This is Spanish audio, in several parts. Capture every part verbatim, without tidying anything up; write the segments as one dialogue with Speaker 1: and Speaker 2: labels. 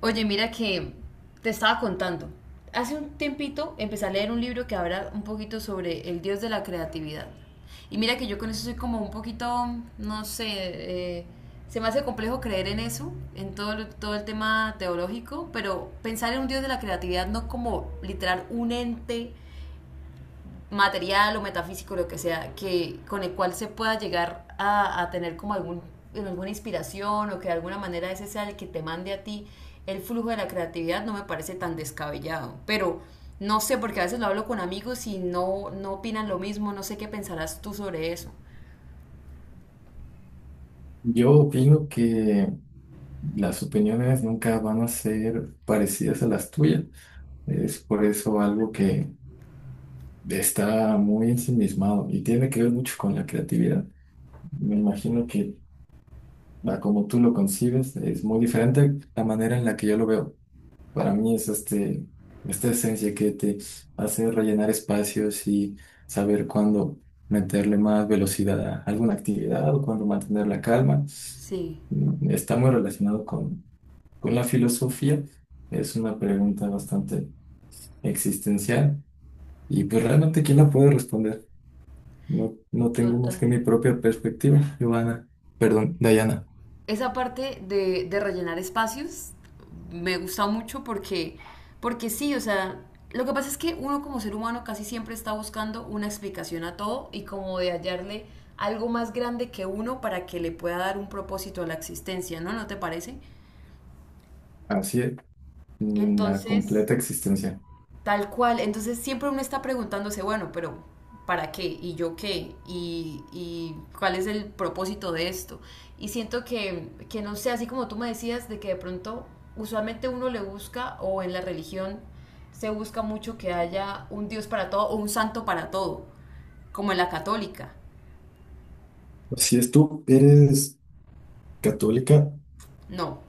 Speaker 1: Oye, mira que te estaba contando. Hace un tiempito empecé a leer un libro que habla un poquito sobre el dios de la creatividad. Y mira que yo con eso soy como un poquito, no sé, eh, se me hace complejo creer en eso, en todo, lo- todo el tema teológico, pero pensar en un dios de la creatividad no como literal un ente material o metafísico, lo que sea, que, con el cual se pueda llegar a, a tener como algún, en alguna inspiración o que de alguna manera ese sea el que te mande a ti el flujo de la creatividad, no me parece tan descabellado. Pero no sé, porque a veces lo hablo con amigos y no, no opinan lo mismo, no sé qué pensarás tú sobre eso.
Speaker 2: Yo opino que las opiniones nunca van a ser parecidas a las tuyas. Es por eso algo que está muy ensimismado y tiene que ver mucho con la creatividad. Me imagino que a como tú lo concibes es muy diferente la manera en la que yo lo veo. Para mí es este, esta esencia que te hace rellenar espacios y saber cuándo meterle más velocidad a alguna actividad o cuándo mantener la calma.
Speaker 1: Sí,
Speaker 2: mm, Está muy relacionado con con la filosofía. Es una pregunta bastante existencial y pues realmente ¿quién la puede responder? No, no tengo más
Speaker 1: total.
Speaker 2: que mi propia perspectiva, Giovanna. Perdón, Dayana.
Speaker 1: Esa parte de, de rellenar espacios me gusta mucho porque, porque sí, o sea, lo que pasa es que uno como ser humano casi siempre está buscando una explicación a todo y como de hallarle algo más grande que uno para que le pueda dar un propósito a la existencia, ¿no? ¿No te parece?
Speaker 2: Así es, la
Speaker 1: Entonces,
Speaker 2: completa existencia.
Speaker 1: Tal cual, entonces siempre uno está preguntándose, bueno, pero ¿para qué? ¿Y yo qué? ¿Y, y cuál es el propósito de esto? Y siento que, que, no sé, así como tú me decías, de que de pronto usualmente uno le busca o en la religión se busca mucho que haya un Dios para todo o un santo para todo, como en la católica.
Speaker 2: Si es tú, eres católica,
Speaker 1: No,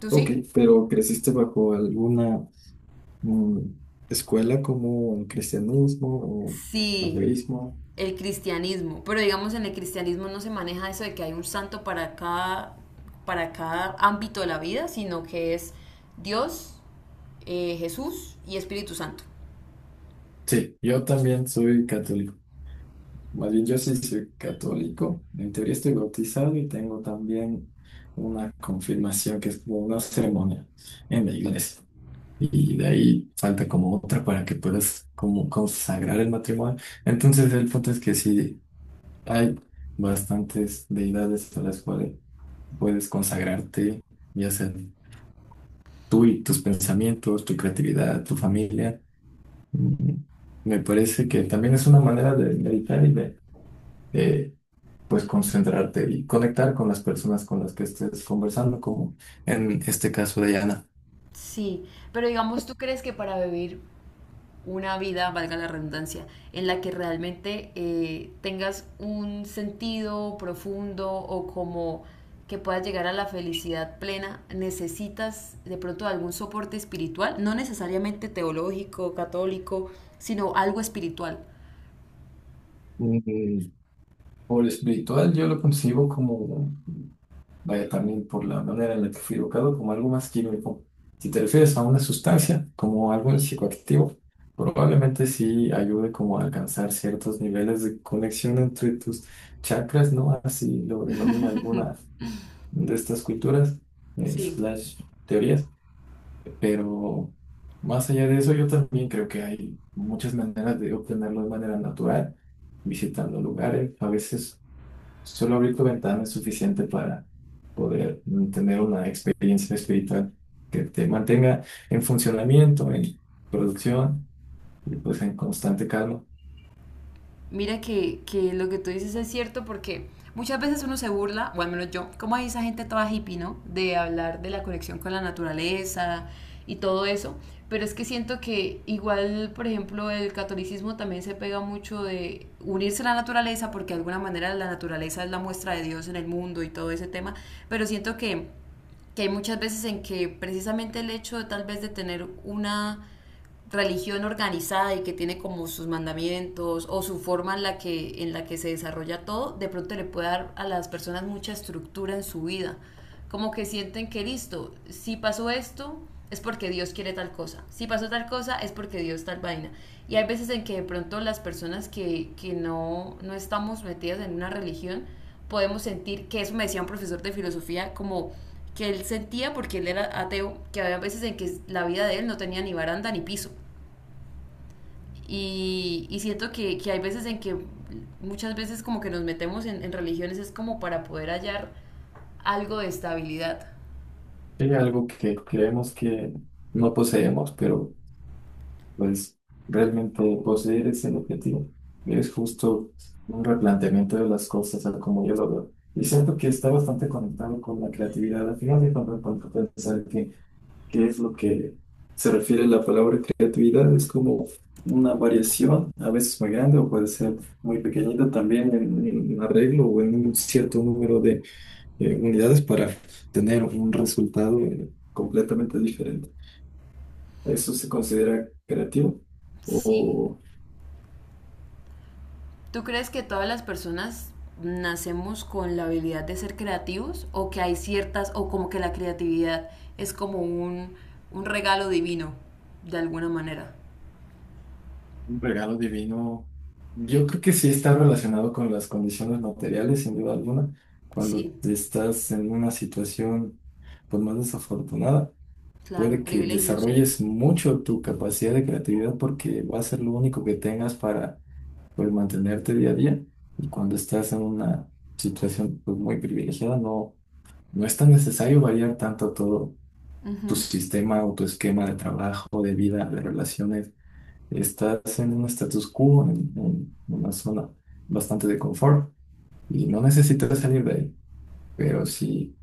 Speaker 1: ¿tú sí?
Speaker 2: ok, pero creciste bajo alguna mm, escuela como el cristianismo o
Speaker 1: Sí,
Speaker 2: ateísmo.
Speaker 1: el cristianismo. Pero digamos, en el cristianismo no se maneja eso de que hay un santo para cada, para cada ámbito de la vida, sino que es Dios, eh, Jesús y Espíritu Santo.
Speaker 2: Sí, yo también soy católico. Más bien, yo sí soy católico. En teoría estoy bautizado y tengo también una confirmación que es como una ceremonia en la iglesia. Y de ahí falta como otra para que puedas como consagrar el matrimonio. Entonces, el punto es que sí hay bastantes deidades a las cuales puedes consagrarte, ya sea tú y tus pensamientos, tu creatividad, tu familia. Mm, Me parece que también es una manera de meditar y de, de pues concentrarte y conectar con las personas con las que estés conversando, como en este caso de Yana.
Speaker 1: Sí, pero digamos, ¿tú crees que para vivir una vida, valga la redundancia, en la que realmente eh, tengas un sentido profundo o como que puedas llegar a la felicidad plena, necesitas de pronto algún soporte espiritual, no necesariamente teológico, católico, sino algo espiritual?
Speaker 2: Mm, Por espiritual yo lo concibo como, vaya también por la manera en la que fui educado, como algo más químico. Si te refieres a una sustancia, como algo psicoactivo, probablemente sí ayude como a alcanzar ciertos niveles de conexión entre tus chakras, ¿no? Así lo denomina alguna de estas culturas, eh,
Speaker 1: Sí,
Speaker 2: slash teorías. Pero más allá de eso, yo también creo que hay muchas maneras de obtenerlo de manera natural, visitando lugares. A veces solo abrir tu ventana es suficiente para poder mm, tener una experiencia espiritual que te mantenga en funcionamiento, en producción y pues en constante calma.
Speaker 1: mira que, que lo que tú dices es cierto porque muchas veces uno se burla, o al menos yo, como hay esa gente toda hippie, ¿no? De hablar de la conexión con la naturaleza y todo eso, pero es que siento que igual, por ejemplo, el catolicismo también se pega mucho de unirse a la naturaleza porque de alguna manera la naturaleza es la muestra de Dios en el mundo y todo ese tema, pero siento que que hay muchas veces en que precisamente el hecho de, tal vez de tener una religión organizada y que tiene como sus mandamientos o su forma en la que en la que se desarrolla todo, de pronto le puede dar a las personas mucha estructura en su vida. Como que sienten que listo, si pasó esto es porque Dios quiere tal cosa, si pasó tal cosa es porque Dios tal vaina. Y hay veces en que de pronto las personas que, que no, no estamos metidas en una religión podemos sentir que eso me decía un profesor de filosofía como que él sentía porque él era ateo, que había veces en que la vida de él no tenía ni baranda ni piso. Y, y siento que, que hay veces en que muchas veces como que nos metemos en, en religiones es como para poder hallar algo de estabilidad.
Speaker 2: Hay algo que creemos que no poseemos, pero pues realmente poseer ese objetivo es justo un replanteamiento de las cosas, a como yo lo veo. Y siento que está bastante conectado con la creatividad. Al final de cuentas, cuando pensar que qué es lo que se refiere la palabra creatividad, es como una variación, a veces muy grande o puede ser muy pequeñita también en, en un arreglo o en un cierto número de eh, unidades para tener un resultado eh, completamente diferente. ¿Eso se considera creativo?
Speaker 1: Sí. ¿Tú crees que todas las personas nacemos con la habilidad de ser creativos o que hay ciertas, o como que la creatividad es como un, un regalo divino, de alguna manera?
Speaker 2: Un regalo divino, yo creo que sí está relacionado con las condiciones materiales, sin duda alguna. Cuando
Speaker 1: Sí,
Speaker 2: estás en una situación pues, más desafortunada,
Speaker 1: claro,
Speaker 2: puede que
Speaker 1: privilegio, sí.
Speaker 2: desarrolles mucho tu capacidad de creatividad porque va a ser lo único que tengas para pues, mantenerte día a día. Y cuando estás en una situación pues, muy privilegiada, no, no es tan necesario variar tanto todo tu
Speaker 1: Ujú.
Speaker 2: sistema o tu esquema de trabajo, de vida, de relaciones. Estás en un status quo, en, en una zona bastante de confort y no necesitas salir de ahí. Pero si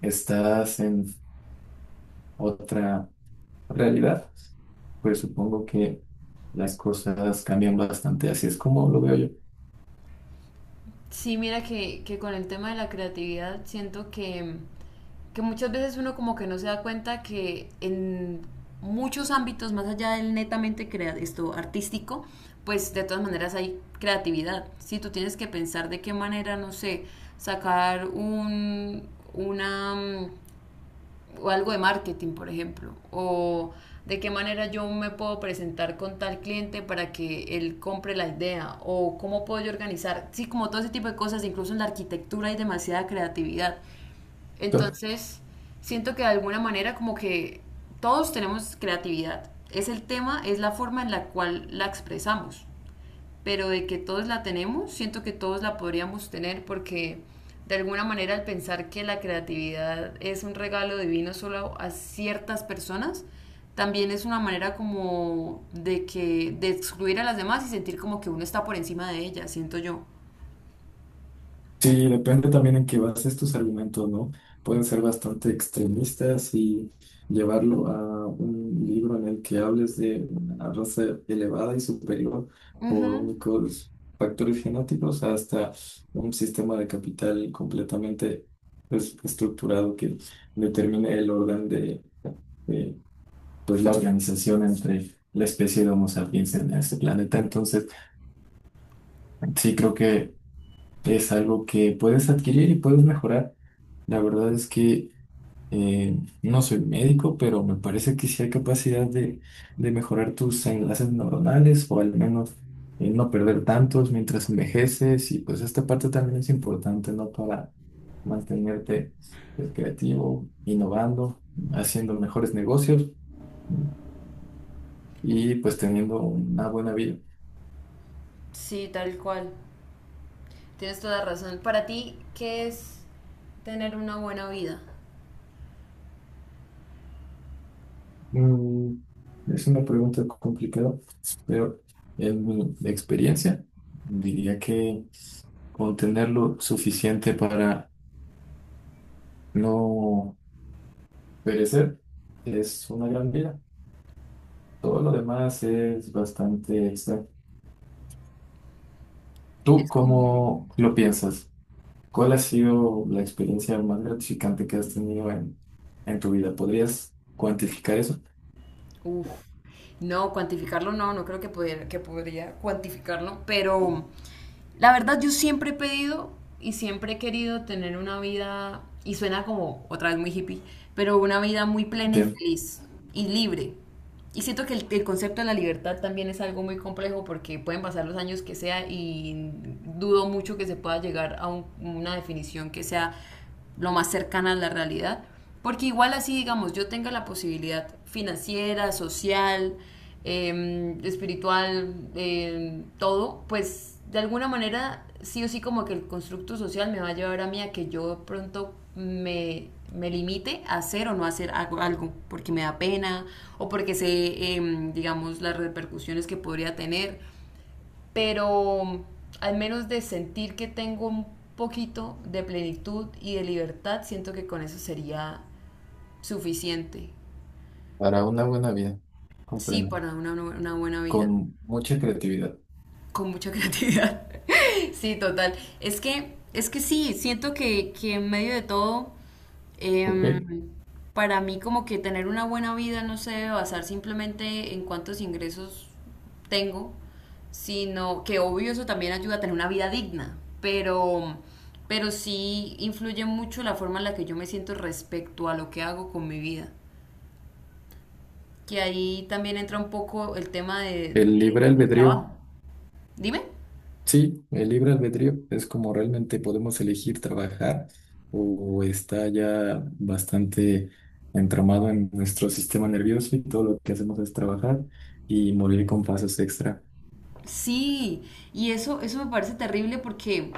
Speaker 2: estás en otra realidad, pues supongo que las cosas cambian bastante. Así es como lo veo
Speaker 1: Sí, mira que, que con el tema de la creatividad siento que, que muchas veces uno como que no se da cuenta que en muchos ámbitos, más allá del netamente crea esto artístico, pues de todas maneras hay creatividad. Si tú tienes que pensar de qué manera, no sé, sacar un, una, mm, o algo de marketing, por ejemplo, o de qué manera yo me puedo presentar con tal cliente para que él compre la idea, o cómo puedo yo organizar, sí, como todo ese tipo de cosas, incluso en la arquitectura hay demasiada creatividad.
Speaker 2: yo.
Speaker 1: Entonces, siento que de alguna manera como que todos tenemos creatividad. Es el tema, es la forma en la cual la expresamos, pero de que todos la tenemos, siento que todos la podríamos tener porque de alguna manera al pensar que la creatividad es un regalo divino solo a ciertas personas, también es una manera como de que de excluir a las demás y sentir como que uno está por encima de ellas, siento yo.
Speaker 2: Sí, depende también en qué bases tus argumentos, ¿no? Pueden ser bastante extremistas y llevarlo a un libro en el que hables de una raza elevada y superior
Speaker 1: Ujú.
Speaker 2: por únicos factores genéticos hasta un sistema de capital completamente pues, estructurado que determine el orden de, de, pues, la organización entre la especie de Homo sapiens en este planeta. Entonces, sí creo que es algo que puedes adquirir y puedes mejorar. La verdad es que eh, no soy médico, pero me parece que sí hay capacidad de, de mejorar tus enlaces neuronales o al menos eh, no perder tantos mientras envejeces. Y pues esta parte también es importante, ¿no? Para mantenerte pues, creativo, innovando, haciendo mejores negocios y pues teniendo una buena vida.
Speaker 1: Sí, tal cual. Tienes toda razón. Para ti, ¿qué es tener una buena vida?
Speaker 2: Mm, es una pregunta complicada, pero en mi experiencia diría que con tenerlo suficiente para no perecer es una gran vida. Todo lo demás es bastante extra. ¿Tú
Speaker 1: Es como.
Speaker 2: cómo lo piensas? ¿Cuál ha sido la experiencia más gratificante que has tenido en, en tu vida? ¿Podrías cuantificar eso?
Speaker 1: Uf. No, cuantificarlo no, no creo que pudiera, que podría cuantificarlo, pero la verdad yo siempre he pedido y siempre he querido tener una vida, y suena como otra vez muy hippie, pero una vida muy plena y
Speaker 2: Bien,
Speaker 1: feliz y libre. Y siento que el, el concepto de la libertad también es algo muy complejo porque pueden pasar los años que sea y dudo mucho que se pueda llegar a un- una definición que sea lo más cercana a la realidad. Porque igual así, digamos, yo tenga la posibilidad financiera, social, eh, espiritual, eh, todo, pues de alguna manera sí o sí como que el constructo social me va a llevar a mí a que yo pronto me, me limite a hacer o no hacer algo, algo, porque me da pena o porque sé, eh, digamos, las repercusiones que podría tener, pero al menos de sentir que tengo un poquito de plenitud y de libertad, siento que con eso sería suficiente,
Speaker 2: para una buena vida,
Speaker 1: sí,
Speaker 2: comprendo.
Speaker 1: para una, una buena vida.
Speaker 2: Con mucha creatividad.
Speaker 1: Con mucha creatividad. Sí, total. Es que, es que sí, siento que, que en medio de todo, em,
Speaker 2: ¿Ok?
Speaker 1: para mí como que tener una buena vida no se debe basar simplemente en cuántos ingresos tengo, sino que obvio eso también ayuda a tener una vida digna, pero, pero sí influye mucho la forma en la que yo me siento respecto a lo que hago con mi vida, que ahí también entra un poco el tema de, de-
Speaker 2: El libre
Speaker 1: del
Speaker 2: albedrío,
Speaker 1: trabajo. Dime.
Speaker 2: sí, el libre albedrío es como realmente podemos elegir trabajar o está ya bastante entramado en nuestro sistema nervioso y todo lo que hacemos es trabajar y morir con fases extra
Speaker 1: Sí, y eso, eso me parece terrible porque,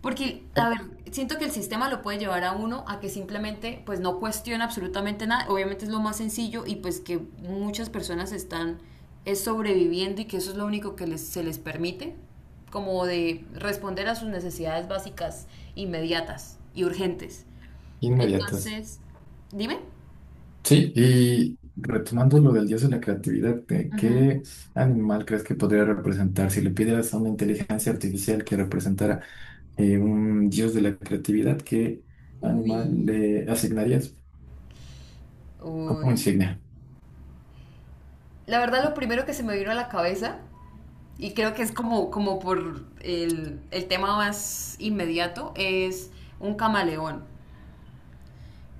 Speaker 1: porque, a ver, siento que el sistema lo puede llevar a uno a que simplemente pues no cuestiona absolutamente nada. Obviamente es lo más sencillo y pues que muchas personas están es sobreviviendo y que eso es lo único que les, se les permite, como de responder a sus necesidades básicas inmediatas y urgentes.
Speaker 2: inmediatas.
Speaker 1: Entonces, dime.
Speaker 2: Sí, y retomando lo del dios de la creatividad, ¿de
Speaker 1: Ujú.
Speaker 2: ¿qué animal crees que podría representar? Si le pidieras a una inteligencia artificial que representara eh, un dios de la creatividad, ¿qué
Speaker 1: Uy,
Speaker 2: animal le asignarías como
Speaker 1: uy.
Speaker 2: insignia?
Speaker 1: La verdad, lo primero que se me vino a la cabeza y creo que es como, como por el, el tema más inmediato, es un camaleón.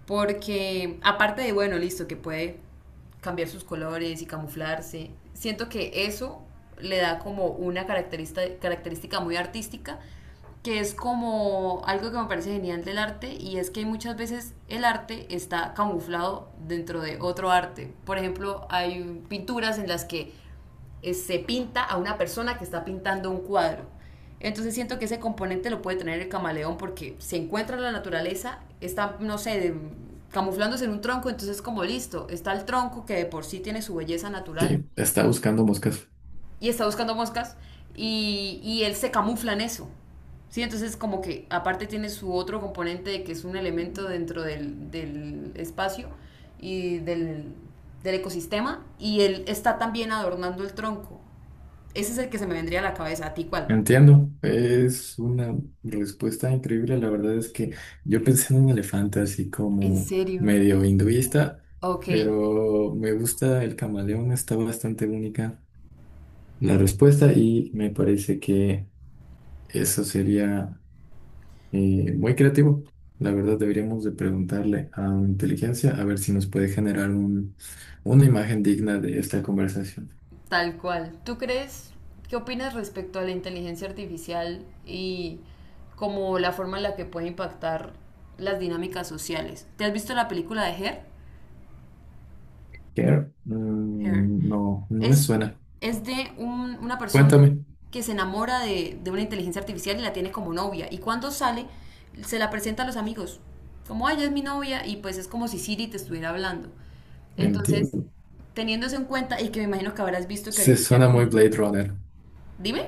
Speaker 1: Porque aparte de, bueno, listo, que puede cambiar sus colores y camuflarse, siento que eso le da como una característica, característica muy artística, que es como algo que me parece genial del arte y es que muchas veces el arte está camuflado dentro de otro arte. Por ejemplo, hay pinturas en las que eh, se pinta a una persona que está pintando un cuadro. Entonces siento que ese componente lo puede tener el camaleón porque se encuentra en la naturaleza, está, no sé, de- camuflándose en un tronco, entonces como listo, está el tronco que de por sí tiene su belleza natural
Speaker 2: Sí, está buscando moscas.
Speaker 1: y está buscando moscas y, y él se camufla en eso. Sí, entonces como que aparte tiene su otro componente de que es un elemento dentro del, del espacio y del, del ecosistema y él está también adornando el tronco. Ese es el que se me vendría a la cabeza. ¿A ti cuál?
Speaker 2: Entiendo, es una respuesta increíble. La verdad es que yo pensé en un elefante así
Speaker 1: ¿En
Speaker 2: como
Speaker 1: serio?
Speaker 2: medio hinduista,
Speaker 1: Ok,
Speaker 2: pero me gusta el camaleón, está bastante única la respuesta y me parece que eso sería eh, muy creativo. La verdad deberíamos de preguntarle a una inteligencia a ver si nos puede generar un- una imagen digna de esta conversación.
Speaker 1: tal cual. ¿Tú crees, ¿qué opinas respecto a la inteligencia artificial y como la forma en la que puede impactar las dinámicas sociales? ¿Te has visto la película de Her?
Speaker 2: Que,
Speaker 1: Her.
Speaker 2: mm, no, no me
Speaker 1: Es,
Speaker 2: suena.
Speaker 1: es de un- una persona
Speaker 2: Cuéntame.
Speaker 1: que se enamora de, de una inteligencia artificial y la tiene como novia. Y cuando sale, se la presenta a los amigos. Como, ay, ella es mi novia. Y pues es como si Siri te estuviera hablando. Entonces,
Speaker 2: Entiendo.
Speaker 1: teniendo eso en cuenta, y que me imagino que habrás visto que
Speaker 2: Se
Speaker 1: ahorita
Speaker 2: suena
Speaker 1: con
Speaker 2: muy
Speaker 1: el...
Speaker 2: Blade Runner.
Speaker 1: Dime.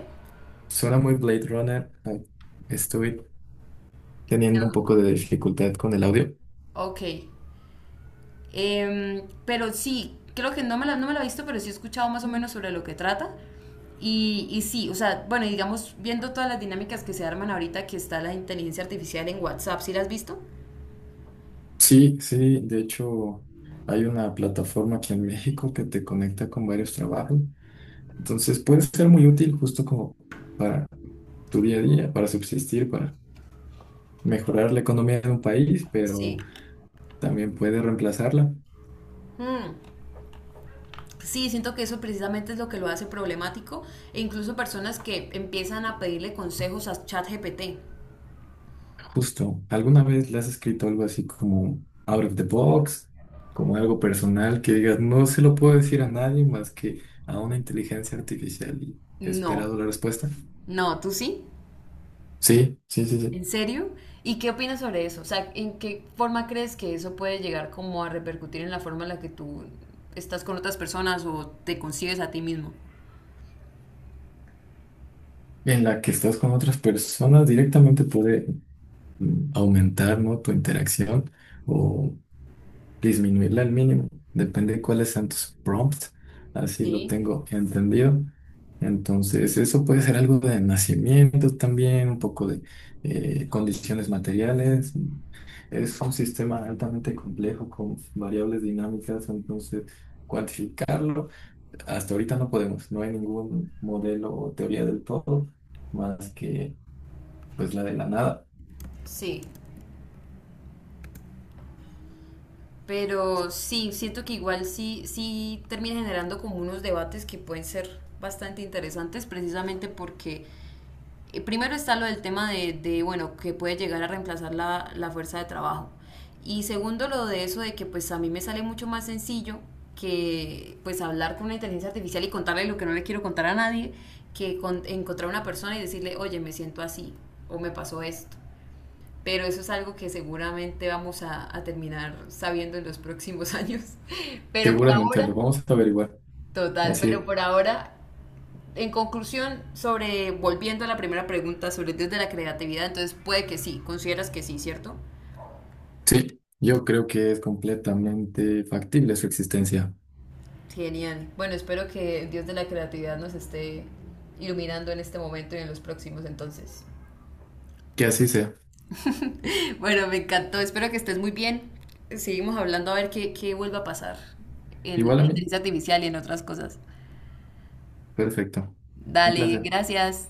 Speaker 2: Suena muy Blade Runner. Ay, estoy teniendo un poco de dificultad con el audio.
Speaker 1: Ok. Eh, pero sí, creo que no me, la, no me la he visto, pero sí he escuchado más o menos sobre lo que trata. Y, y sí, o sea, bueno, y digamos, viendo todas las dinámicas que se arman ahorita, que está la inteligencia artificial en WhatsApp, ¿sí la has visto?
Speaker 2: Sí, sí, de hecho hay una plataforma aquí en México que te conecta con varios trabajos. Entonces puede ser muy útil justo como para tu día a día, para subsistir, para mejorar la economía de un país,
Speaker 1: Sí.
Speaker 2: pero también puede reemplazarla.
Speaker 1: Mm, Sí, siento que eso precisamente es lo que lo hace problemático e incluso personas que empiezan a pedirle consejos a ChatGPT.
Speaker 2: Justo, ¿alguna vez le has escrito algo así como out of the box, como algo personal que digas, no se lo puedo decir a nadie más que a una inteligencia artificial y he
Speaker 1: No,
Speaker 2: esperado la respuesta?
Speaker 1: no, ¿tú sí?
Speaker 2: Sí, sí, sí, sí.
Speaker 1: ¿En serio? ¿Y qué opinas sobre eso? O sea, ¿en qué forma crees que eso puede llegar como a repercutir en la forma en la que tú estás con otras personas o te concibes a ti mismo?
Speaker 2: En la que estás con otras personas directamente puede mm, aumentar, ¿no? tu interacción o disminuirla al mínimo, depende de cuáles sean tus prompts, así lo
Speaker 1: Sí,
Speaker 2: tengo entendido. Entonces, eso puede ser algo de nacimiento también, un poco de eh, condiciones materiales. Es un sistema altamente complejo con variables dinámicas, entonces cuantificarlo, hasta ahorita no podemos, no hay ningún modelo o teoría del todo, más que pues la de la nada.
Speaker 1: sí, pero sí, siento que igual sí, sí termina generando como unos debates que pueden ser bastante interesantes precisamente porque Eh, primero está lo del tema de, de, bueno, que puede llegar a reemplazar la, la fuerza de trabajo. Y segundo, lo de eso de que pues a mí me sale mucho más sencillo que pues hablar con una inteligencia artificial y contarle lo que no le quiero contar a nadie, que con- encontrar una persona y decirle, oye, me siento así o me pasó esto. Pero eso es algo que seguramente vamos a, a terminar sabiendo en los próximos años. Pero por
Speaker 2: Seguramente lo
Speaker 1: ahora,
Speaker 2: vamos a averiguar.
Speaker 1: total,
Speaker 2: Así es.
Speaker 1: pero por ahora en conclusión, sobre volviendo a la primera pregunta sobre el Dios de la creatividad, entonces puede que sí, consideras que sí, ¿cierto?
Speaker 2: Sí, yo creo que es completamente factible su existencia.
Speaker 1: Genial. Bueno, espero que el Dios de la creatividad nos esté iluminando en este momento y en los próximos entonces.
Speaker 2: Que así sea.
Speaker 1: Bueno, me encantó, espero que estés muy bien. Seguimos hablando a ver qué, qué vuelve a pasar en la
Speaker 2: Igual a mí.
Speaker 1: inteligencia artificial y en otras cosas.
Speaker 2: Perfecto. Un
Speaker 1: Dale,
Speaker 2: placer.
Speaker 1: gracias.